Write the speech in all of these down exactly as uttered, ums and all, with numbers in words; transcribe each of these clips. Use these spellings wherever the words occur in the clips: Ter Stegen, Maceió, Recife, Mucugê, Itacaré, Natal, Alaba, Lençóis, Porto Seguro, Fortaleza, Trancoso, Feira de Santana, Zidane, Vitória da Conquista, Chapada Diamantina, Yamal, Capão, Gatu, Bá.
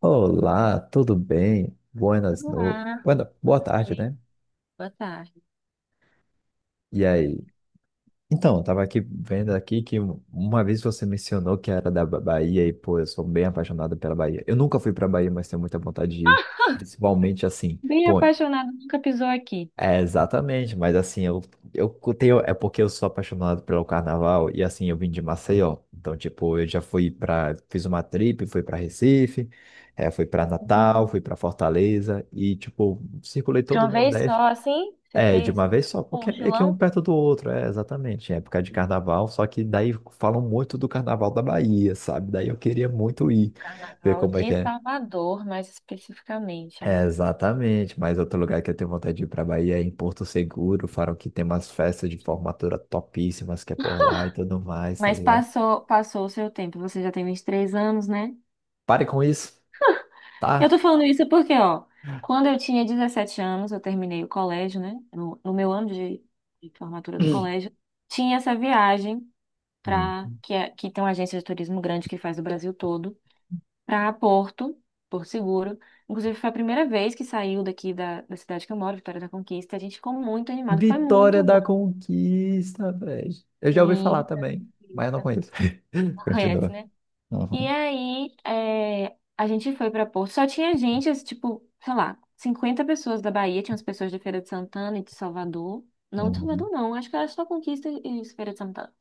Olá, tudo bem? Buenas no... Olá, Buena... Boa tudo tarde, bem? né? Boa tarde. E aí? Então, eu tava aqui vendo aqui que um, uma vez você mencionou que era da Ba- Bahia e, pô, eu sou bem apaixonado pela Bahia. Eu nunca fui pra Bahia, mas tenho muita vontade de ir. Principalmente assim, Bem pô. apaixonado, nunca pisou aqui. É, exatamente, mas assim, eu, eu tenho, é porque eu sou apaixonado pelo carnaval e assim, eu vim de Maceió, então tipo, eu já fui pra, fiz uma trip, fui pra Recife, é, fui pra Natal, Hum, fui pra Fortaleza e tipo, circulei De todo o uma vez Nordeste, só, assim, você é, de fez uma vez só, um porque é meio que um mochilão? perto do outro, é, exatamente, em época de carnaval, só que daí falam muito do carnaval da Bahia, sabe, daí eu queria muito ir, ver Carnaval como é que de é. Salvador, mais especificamente, É, né? exatamente, mas outro lugar que eu tenho vontade de ir para Bahia é em Porto Seguro, falam que tem umas festas de formatura topíssimas que é por lá e tudo mais, tá Mas ligado? passou, passou o seu tempo. Você já tem vinte e três anos, né? Pare com isso, Eu tô tá? falando isso porque, ó, quando eu tinha dezessete anos, eu terminei o colégio, né? No, no meu ano de, de formatura do colégio, tinha essa viagem para Hum. que, é- que tem uma agência de turismo grande que faz o Brasil todo. Para Porto, Porto Seguro. Inclusive, foi a primeira vez que saiu daqui da, da cidade que eu moro, Vitória da Conquista. A gente ficou muito animado, foi Vitória muito da bom. Conquista, velho. Eu já ouvi E. falar também, mas eu não conheço. Conhece, Continua. né? E Uhum, aí, é, a gente foi para Porto. Só tinha gente, assim, tipo, sei lá, cinquenta pessoas da Bahia, tinha as pessoas de Feira de Santana e de Salvador. Não de Salvador, uhum, não, acho que era só Conquista e Feira de Santana.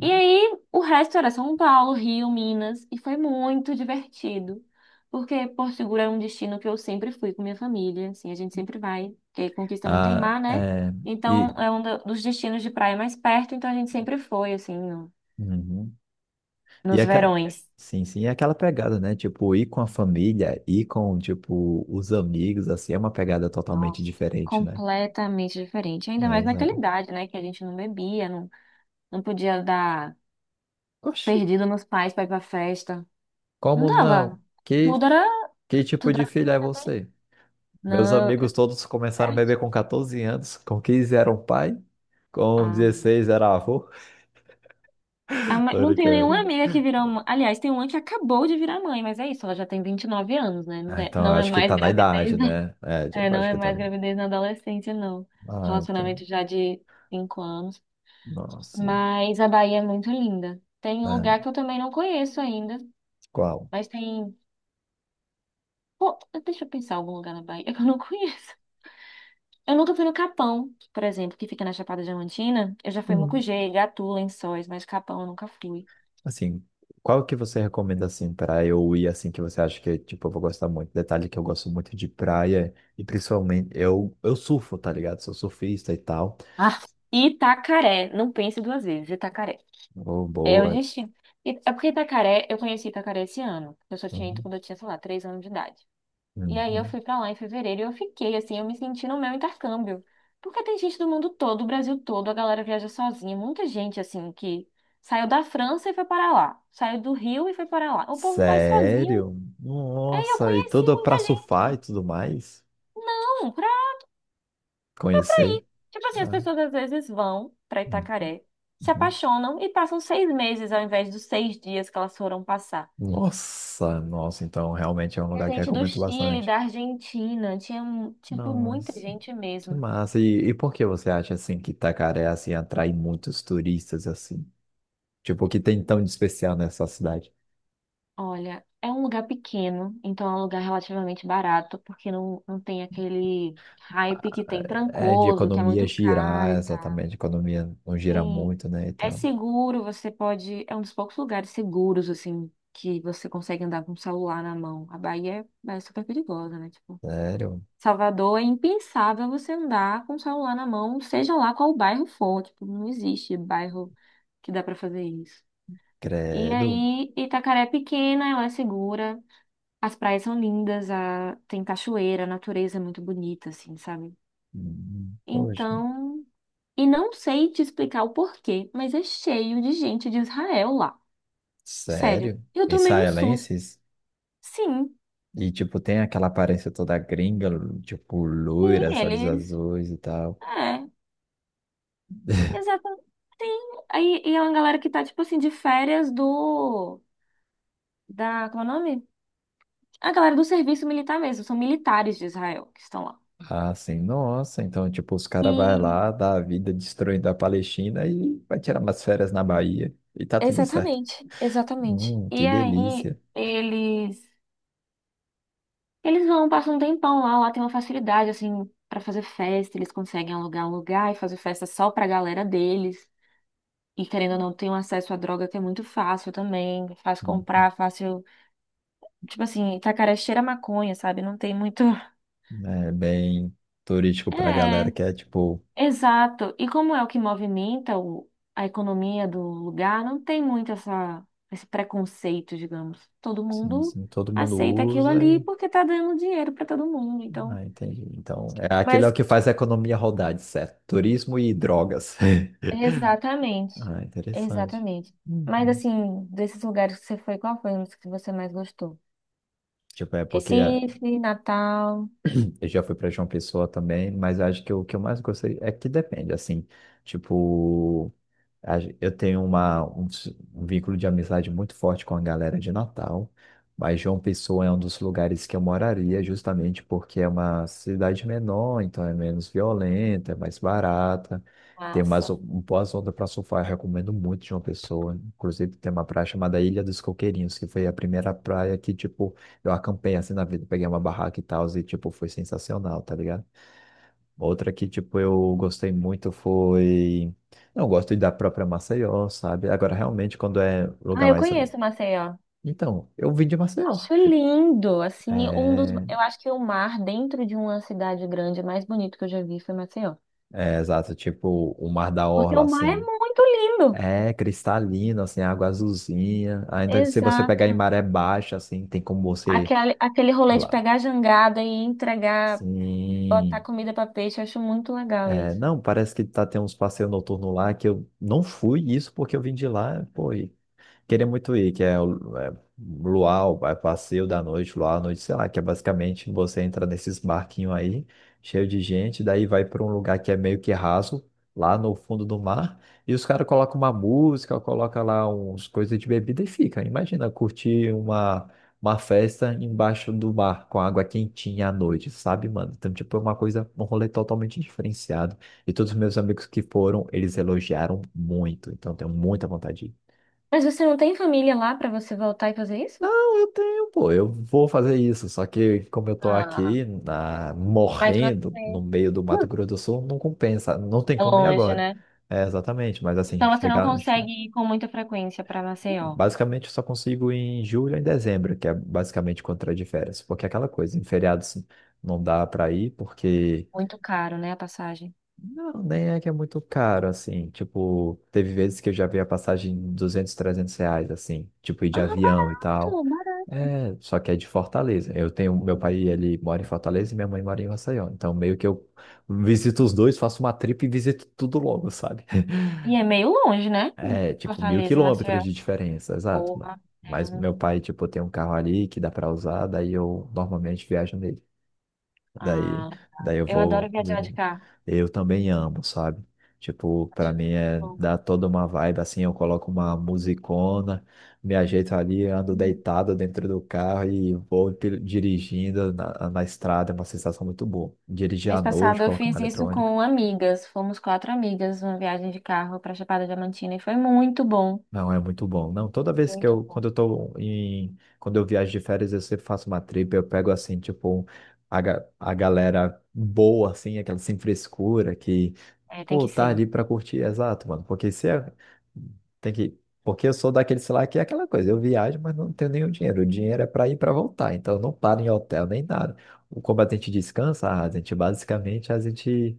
E aí, o resto era São Paulo, Rio, Minas, e foi muito divertido. Porque Porto Seguro é um destino que eu sempre fui com minha família, assim, a gente sempre vai, porque Conquista não tem Ah, mar, né? é, Então, e, é um do- dos destinos de praia mais perto, então a gente sempre foi, assim, no- uhum. E é nos aquela... verões. Sim, sim, é aquela pegada, né? Tipo, ir com a família, ir com, tipo, os amigos, assim, é uma pegada totalmente Nossa, diferente, né? completamente diferente. É, Ainda mais naquela exato. idade, né? Que a gente não bebia, não, não podia dar Oxi, perdido nos pais pra ir pra festa. Não como dava. não? Que, Tudo era, que tipo tudo de era, filho não é era bem. você? Meus Não, eu- amigos todos começaram a beber com catorze anos, com quinze eram pai, com é. dezesseis era avô. A mãe- Tô Não tenho nenhuma brincando. amiga que virou. mã- Aliás, tem uma que acabou de virar mãe, mas é isso, ela já tem vinte e nove anos, né? Não Ah, é, então, eu não é acho que mais tá na idade, gravidez, né? né? É, É, tipo, não acho é que tá mais no- gravidez na adolescência, não. Ah, então. Relacionamento já de cinco anos. Nossa. Mas a Bahia é muito linda. Tem um lugar É, que eu também não conheço ainda, qual? mas tem. Pô, deixa eu pensar algum lugar na Bahia que eu não conheço. Eu nunca fui no Capão, por exemplo, que fica na Chapada Diamantina. Eu já fui em Mucugê, Gatu, Lençóis, mas Capão eu nunca fui. Assim, qual que você recomenda, assim, para eu ir, assim, que você acha que, tipo, eu vou gostar muito? Detalhe que eu gosto muito de praia e principalmente, eu, eu surfo, tá ligado? Sou surfista e tal. Ah, Itacaré, não pense duas vezes, Itacaré. Oh, É o boa. destino. E- É porque Itacaré, eu conheci Itacaré esse ano. Eu só tinha ido Uhum, quando eu tinha, sei lá, três anos de idade. E aí eu uhum. fui pra lá em fevereiro e eu fiquei, assim, eu me senti no meu intercâmbio. Porque tem gente do mundo todo, do Brasil todo, a galera viaja sozinha. Muita gente, assim, que saiu da França e foi para lá. Saiu do Rio e foi para lá. O povo vai sozinho. Sério? Aí eu Nossa, e conheci tudo muita pra surfar e gente. tudo mais? Não, pra. Conhecer? Tipo assim, as Ah, pessoas às vezes vão pra Itacaré, se uhum. apaixonam e passam seis meses ao invés dos seis dias que elas foram passar. Nossa, nossa, então realmente é um Tinha lugar que eu gente do recomendo Chile, bastante. da Argentina, tinha, um, tipo, muita Nossa, gente que mesmo. massa. E, e por que você acha assim que Itacaré assim atrai muitos turistas assim? Tipo, o que tem tão de especial nessa cidade? Olha, é um lugar pequeno, então é um lugar relativamente barato, porque não, não tem aquele hype que tem É de Trancoso, que é economia muito caro girar, e tal. exatamente. A economia não gira E muito, né, e é tal. seguro, você pode. É um dos poucos lugares seguros, assim, que você consegue andar com o celular na mão. A Bahia é, é super perigosa, né? Tipo, Sério? Salvador é impensável você andar com o celular na mão, seja lá qual bairro for. Tipo, não existe bairro que dá pra fazer isso. E Credo? aí, Itacaré é pequena, ela é segura, as praias são lindas, a, tem cachoeira, a natureza é muito bonita, assim, sabe? Hum, Poxa, Então, e não sei te explicar o porquê, mas é cheio de gente de Israel lá. Sério, sério? eu tomei um susto. Israelenses? Sim, E, tipo, tem aquela aparência toda gringa, tipo, e loiras, olhos eles. azuis e tal. É, exatamente. Sim. Aí, e é uma galera que tá, tipo assim, de férias do. Da. Como é o nome? A galera do serviço militar mesmo, são militares de Israel que estão lá. Ah, sim. Nossa, então, tipo, os caras vai E lá, dá a vida destruindo a Palestina e vai tirar umas férias na Bahia. E tá tudo certo. exatamente, exatamente. Hum, E que aí delícia. eles eles vão, passam um tempão lá, lá tem uma facilidade assim pra fazer festa, eles conseguem alugar um lugar e fazer festa só pra galera deles. E querendo ou não, tem um acesso à droga que é muito fácil também, fácil Hum, comprar, fácil, tipo assim, Itacaré cheira a maconha, sabe? Não tem muito, É bem turístico pra galera é, que é, tipo, exato. E como é o que movimenta o- a economia do lugar, não tem muito essa, esse preconceito, digamos. Todo sim, mundo sim, todo mundo aceita aquilo usa ali e... porque tá dando dinheiro para todo mundo. Então, Ah, entendi. Então, é aquele é o mas que faz a economia rodar, de certo. Turismo e drogas. exatamente, Ah, interessante. exatamente. Mas Uhum. assim, desses lugares que você foi, qual foi um dos que você mais gostou? Tipo, é porque é, Recife, Natal, eu já fui para João Pessoa também, mas acho que o que eu mais gostei é que depende, assim, tipo... a gen- Eu tenho uma, um, s- um vínculo de amizade muito forte com a galera de Natal, mas João Pessoa é um dos lugares que eu moraria, justamente porque é uma cidade menor, então é menos violenta, é mais barata, tem umas o- massa. um boas ondas para surfar. Eu recomendo muito João Pessoa. Inclusive, tem uma praia chamada Ilha dos Coqueirinhos, que foi a primeira praia que, tipo, eu acampei assim na vida, peguei uma barraca e tal, e, tipo, foi sensacional, tá ligado? Outra que, tipo, eu gostei muito foi. Não, eu gosto da própria Maceió, sabe? Agora, realmente, quando é Ah, lugar eu mais. conheço Maceió. Então, eu vim de Maceió. Acho lindo, assim, um dos, É, eu acho que o mar dentro de uma cidade grande mais bonito que eu já vi foi Maceió. é exato, tipo, o Mar da Porque Orla, o mar é assim. muito lindo. É cristalino, assim, água azulzinha. Ainda que se você pegar Exato. em maré baixa, assim, tem como você. Aquele, aquele rolê de lá- pegar a jangada e entregar, botar Sim. comida para peixe, eu acho muito legal É, isso. não, parece que tá, tem uns passeios noturnos lá que eu não fui isso porque eu vim de lá, pô, e queria muito ir, que é o é, Luau, vai passeio da noite, Luau à noite, sei lá, que é basicamente você entra nesses barquinhos aí, cheio de gente, daí vai para um lugar que é meio que raso, lá no fundo do mar, e os caras colocam uma música, colocam lá uns coisas de bebida e fica. Imagina curtir uma, uma festa embaixo do mar, com água quentinha à noite, sabe, mano? Então, tipo, é uma coisa, um rolê totalmente diferenciado. E todos os meus amigos que foram, eles elogiaram muito, então tenho muita vontade de ir. Mas você não tem família lá para você voltar e fazer isso? Não, eu tenho, pô, eu vou fazer isso. Só que como eu tô Ah, aqui na, mas morrendo no você meio do Mato Hum. Grosso do Sul, não compensa, não tem é como ir longe, agora. né? É, exatamente, mas assim, Então você não chegar, consegue ir com muita frequência para Maceió. basicamente eu só consigo ir em julho ou em dezembro, que é basicamente quando eu tô de férias, porque é aquela coisa, em feriados não dá para ir porque Muito caro, né, a passagem. não, nem é que é muito caro, assim. Tipo, teve vezes que eu já vi a passagem em duzentos, trezentos reais, assim. Tipo, ir de Ah, avião e tal. barato, barato. É, só que é de Fortaleza. Eu tenho, meu pai, ele mora em Fortaleza e minha mãe mora em Maceió. Então, meio que eu visito os dois, faço uma trip e visito tudo logo, sabe? E é meio longe, né? É, tipo, mil Fortaleza e quilômetros Maceió. de diferença, exato, mano. Porra, é Mas um- meu pai, tipo, tem um carro ali que dá pra usar, daí eu normalmente viajo nele. Daí, Ah, daí eu eu adoro vou. viajar de carro. Eu também amo, sabe? Tipo, pra Acho mim é muito dar toda uma vibe assim, eu coloco uma musicona, me ajeito ali, ando bom. deitado dentro do carro e vou pil- dirigindo na, na estrada, é uma sensação muito boa. Dirigir à Mês passado noite, eu colocar uma fiz isso eletrônica. com amigas. Fomos quatro amigas, uma viagem de carro para Chapada Diamantina e foi muito bom. Não, é muito bom. Não, toda vez que Muito eu, quando bom. eu tô em, quando eu viajo de férias, eu sempre faço uma trip, eu pego assim, tipo, a, ga- a galera boa, assim, aquela sem frescura, que É, tem pô, que tá ser ali pra curtir, exato, mano. Porque se é... tem que. Porque eu sou daquele, sei lá, que é aquela coisa, eu viajo, mas não tenho nenhum dinheiro. O dinheiro é pra ir e pra voltar, então eu não paro em hotel nem nada. O combatente descansa, a gente basicamente a gente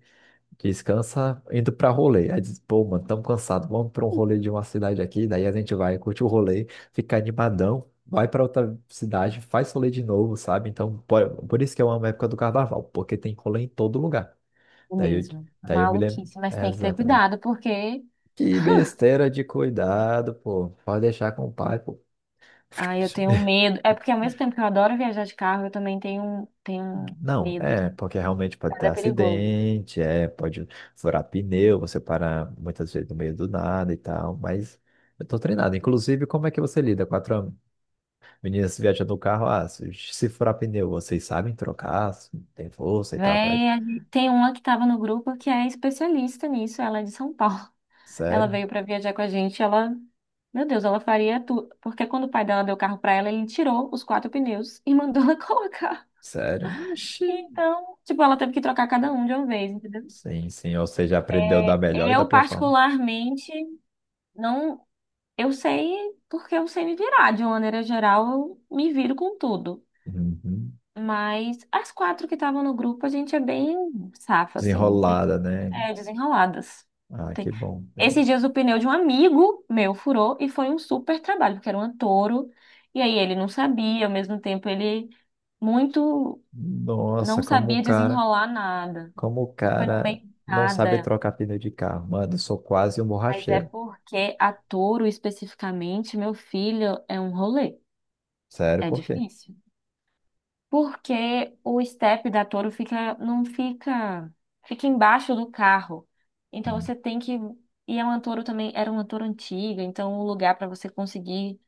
descansa indo pra rolê. Aí diz, pô, mano, tamo cansado, vamos pra um rolê de uma cidade aqui, daí a gente vai, curte o rolê, fica animadão, vai pra outra cidade, faz rolê de novo, sabe? Então, por, por isso que eu amo a época do carnaval, porque tem rolê em todo lugar. o Daí eu, mesmo. daí eu me lembro. Maluquice, mas É, tem que ter exato, né? cuidado porque Que besteira de cuidado, pô. Pode deixar com o pai, pô. ah, eu tenho medo. É porque ao mesmo tempo que eu adoro viajar de carro, eu também tenho tenho Não, medo. é, porque realmente pode ter Nada é perigoso. acidente, é, pode furar pneu, você para muitas vezes no meio do nada e tal, mas eu tô treinado. Inclusive, como é que você lida? Quatro meninas viajando no carro, ah, se, se furar pneu, vocês sabem trocar, se tem força e tal, pra... Véi, a gente- tem uma que estava no grupo que é especialista nisso, ela é de São Paulo. Ela Sério? veio pra viajar com a gente, ela, meu Deus, ela faria tudo, porque quando o pai dela deu o carro pra ela, ele tirou os quatro pneus e mandou ela colocar. Sério? Oxi. Então, tipo, ela teve que trocar cada um de uma vez, entendeu? Sim, sim, ou seja, aprendeu da É, melhor e da eu pior forma. particularmente não, eu sei porque eu sei me virar, de uma maneira geral, eu me viro com tudo. Uhum. Mas as quatro que estavam no grupo, a gente é bem safa, assim, tem, Desenrolada, né? é, desenroladas. Ah, que Tem. bom. Esses dias o pneu de um amigo meu furou e foi um super trabalho, porque era um touro. E aí ele não sabia, ao mesmo tempo ele muito Nossa, não como o sabia cara, desenrolar nada. como o E foi no meio cara de não sabe nada. trocar pneu de carro. Mano, eu sou quase um Mas é borracheiro. porque a touro especificamente, meu filho, é um rolê. Sério, É por quê? difícil. Porque o step da Toro fica, não fica, fica embaixo do carro. Então Hum, você tem que, e a uma Toro também era uma Toro antiga, então o lugar para você conseguir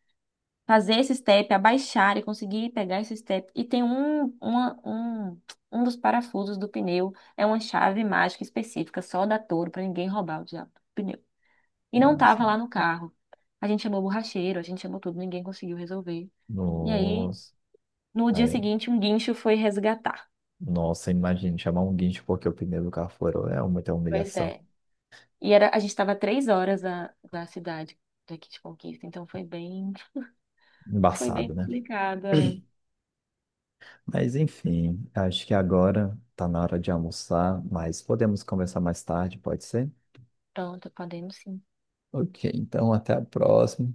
fazer esse step, abaixar e conseguir pegar esse step. E tem um, uma, um, um dos parafusos do pneu, é uma chave mágica específica só da Toro para ninguém roubar o diabo do pneu. E não Ah, tava sim. lá no carro. A gente chamou o borracheiro, a gente chamou tudo, ninguém conseguiu resolver. E aí, Nossa. no dia Aí, seguinte, um guincho foi resgatar. nossa, imagina chamar um guincho porque o pneu do carro furou. É muita Pois humilhação. é. E era, a gente estava três horas da, da cidade daqui de Conquista, então foi bem, foi bem Embaçado, né? complicado. É. Mas enfim, acho que agora tá na hora de almoçar, mas podemos conversar mais tarde, pode ser? Pronto, podemos sim. Ok, então até a próxima.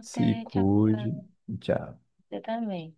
Se tchau, cuide. tchau. Tchau. Você também.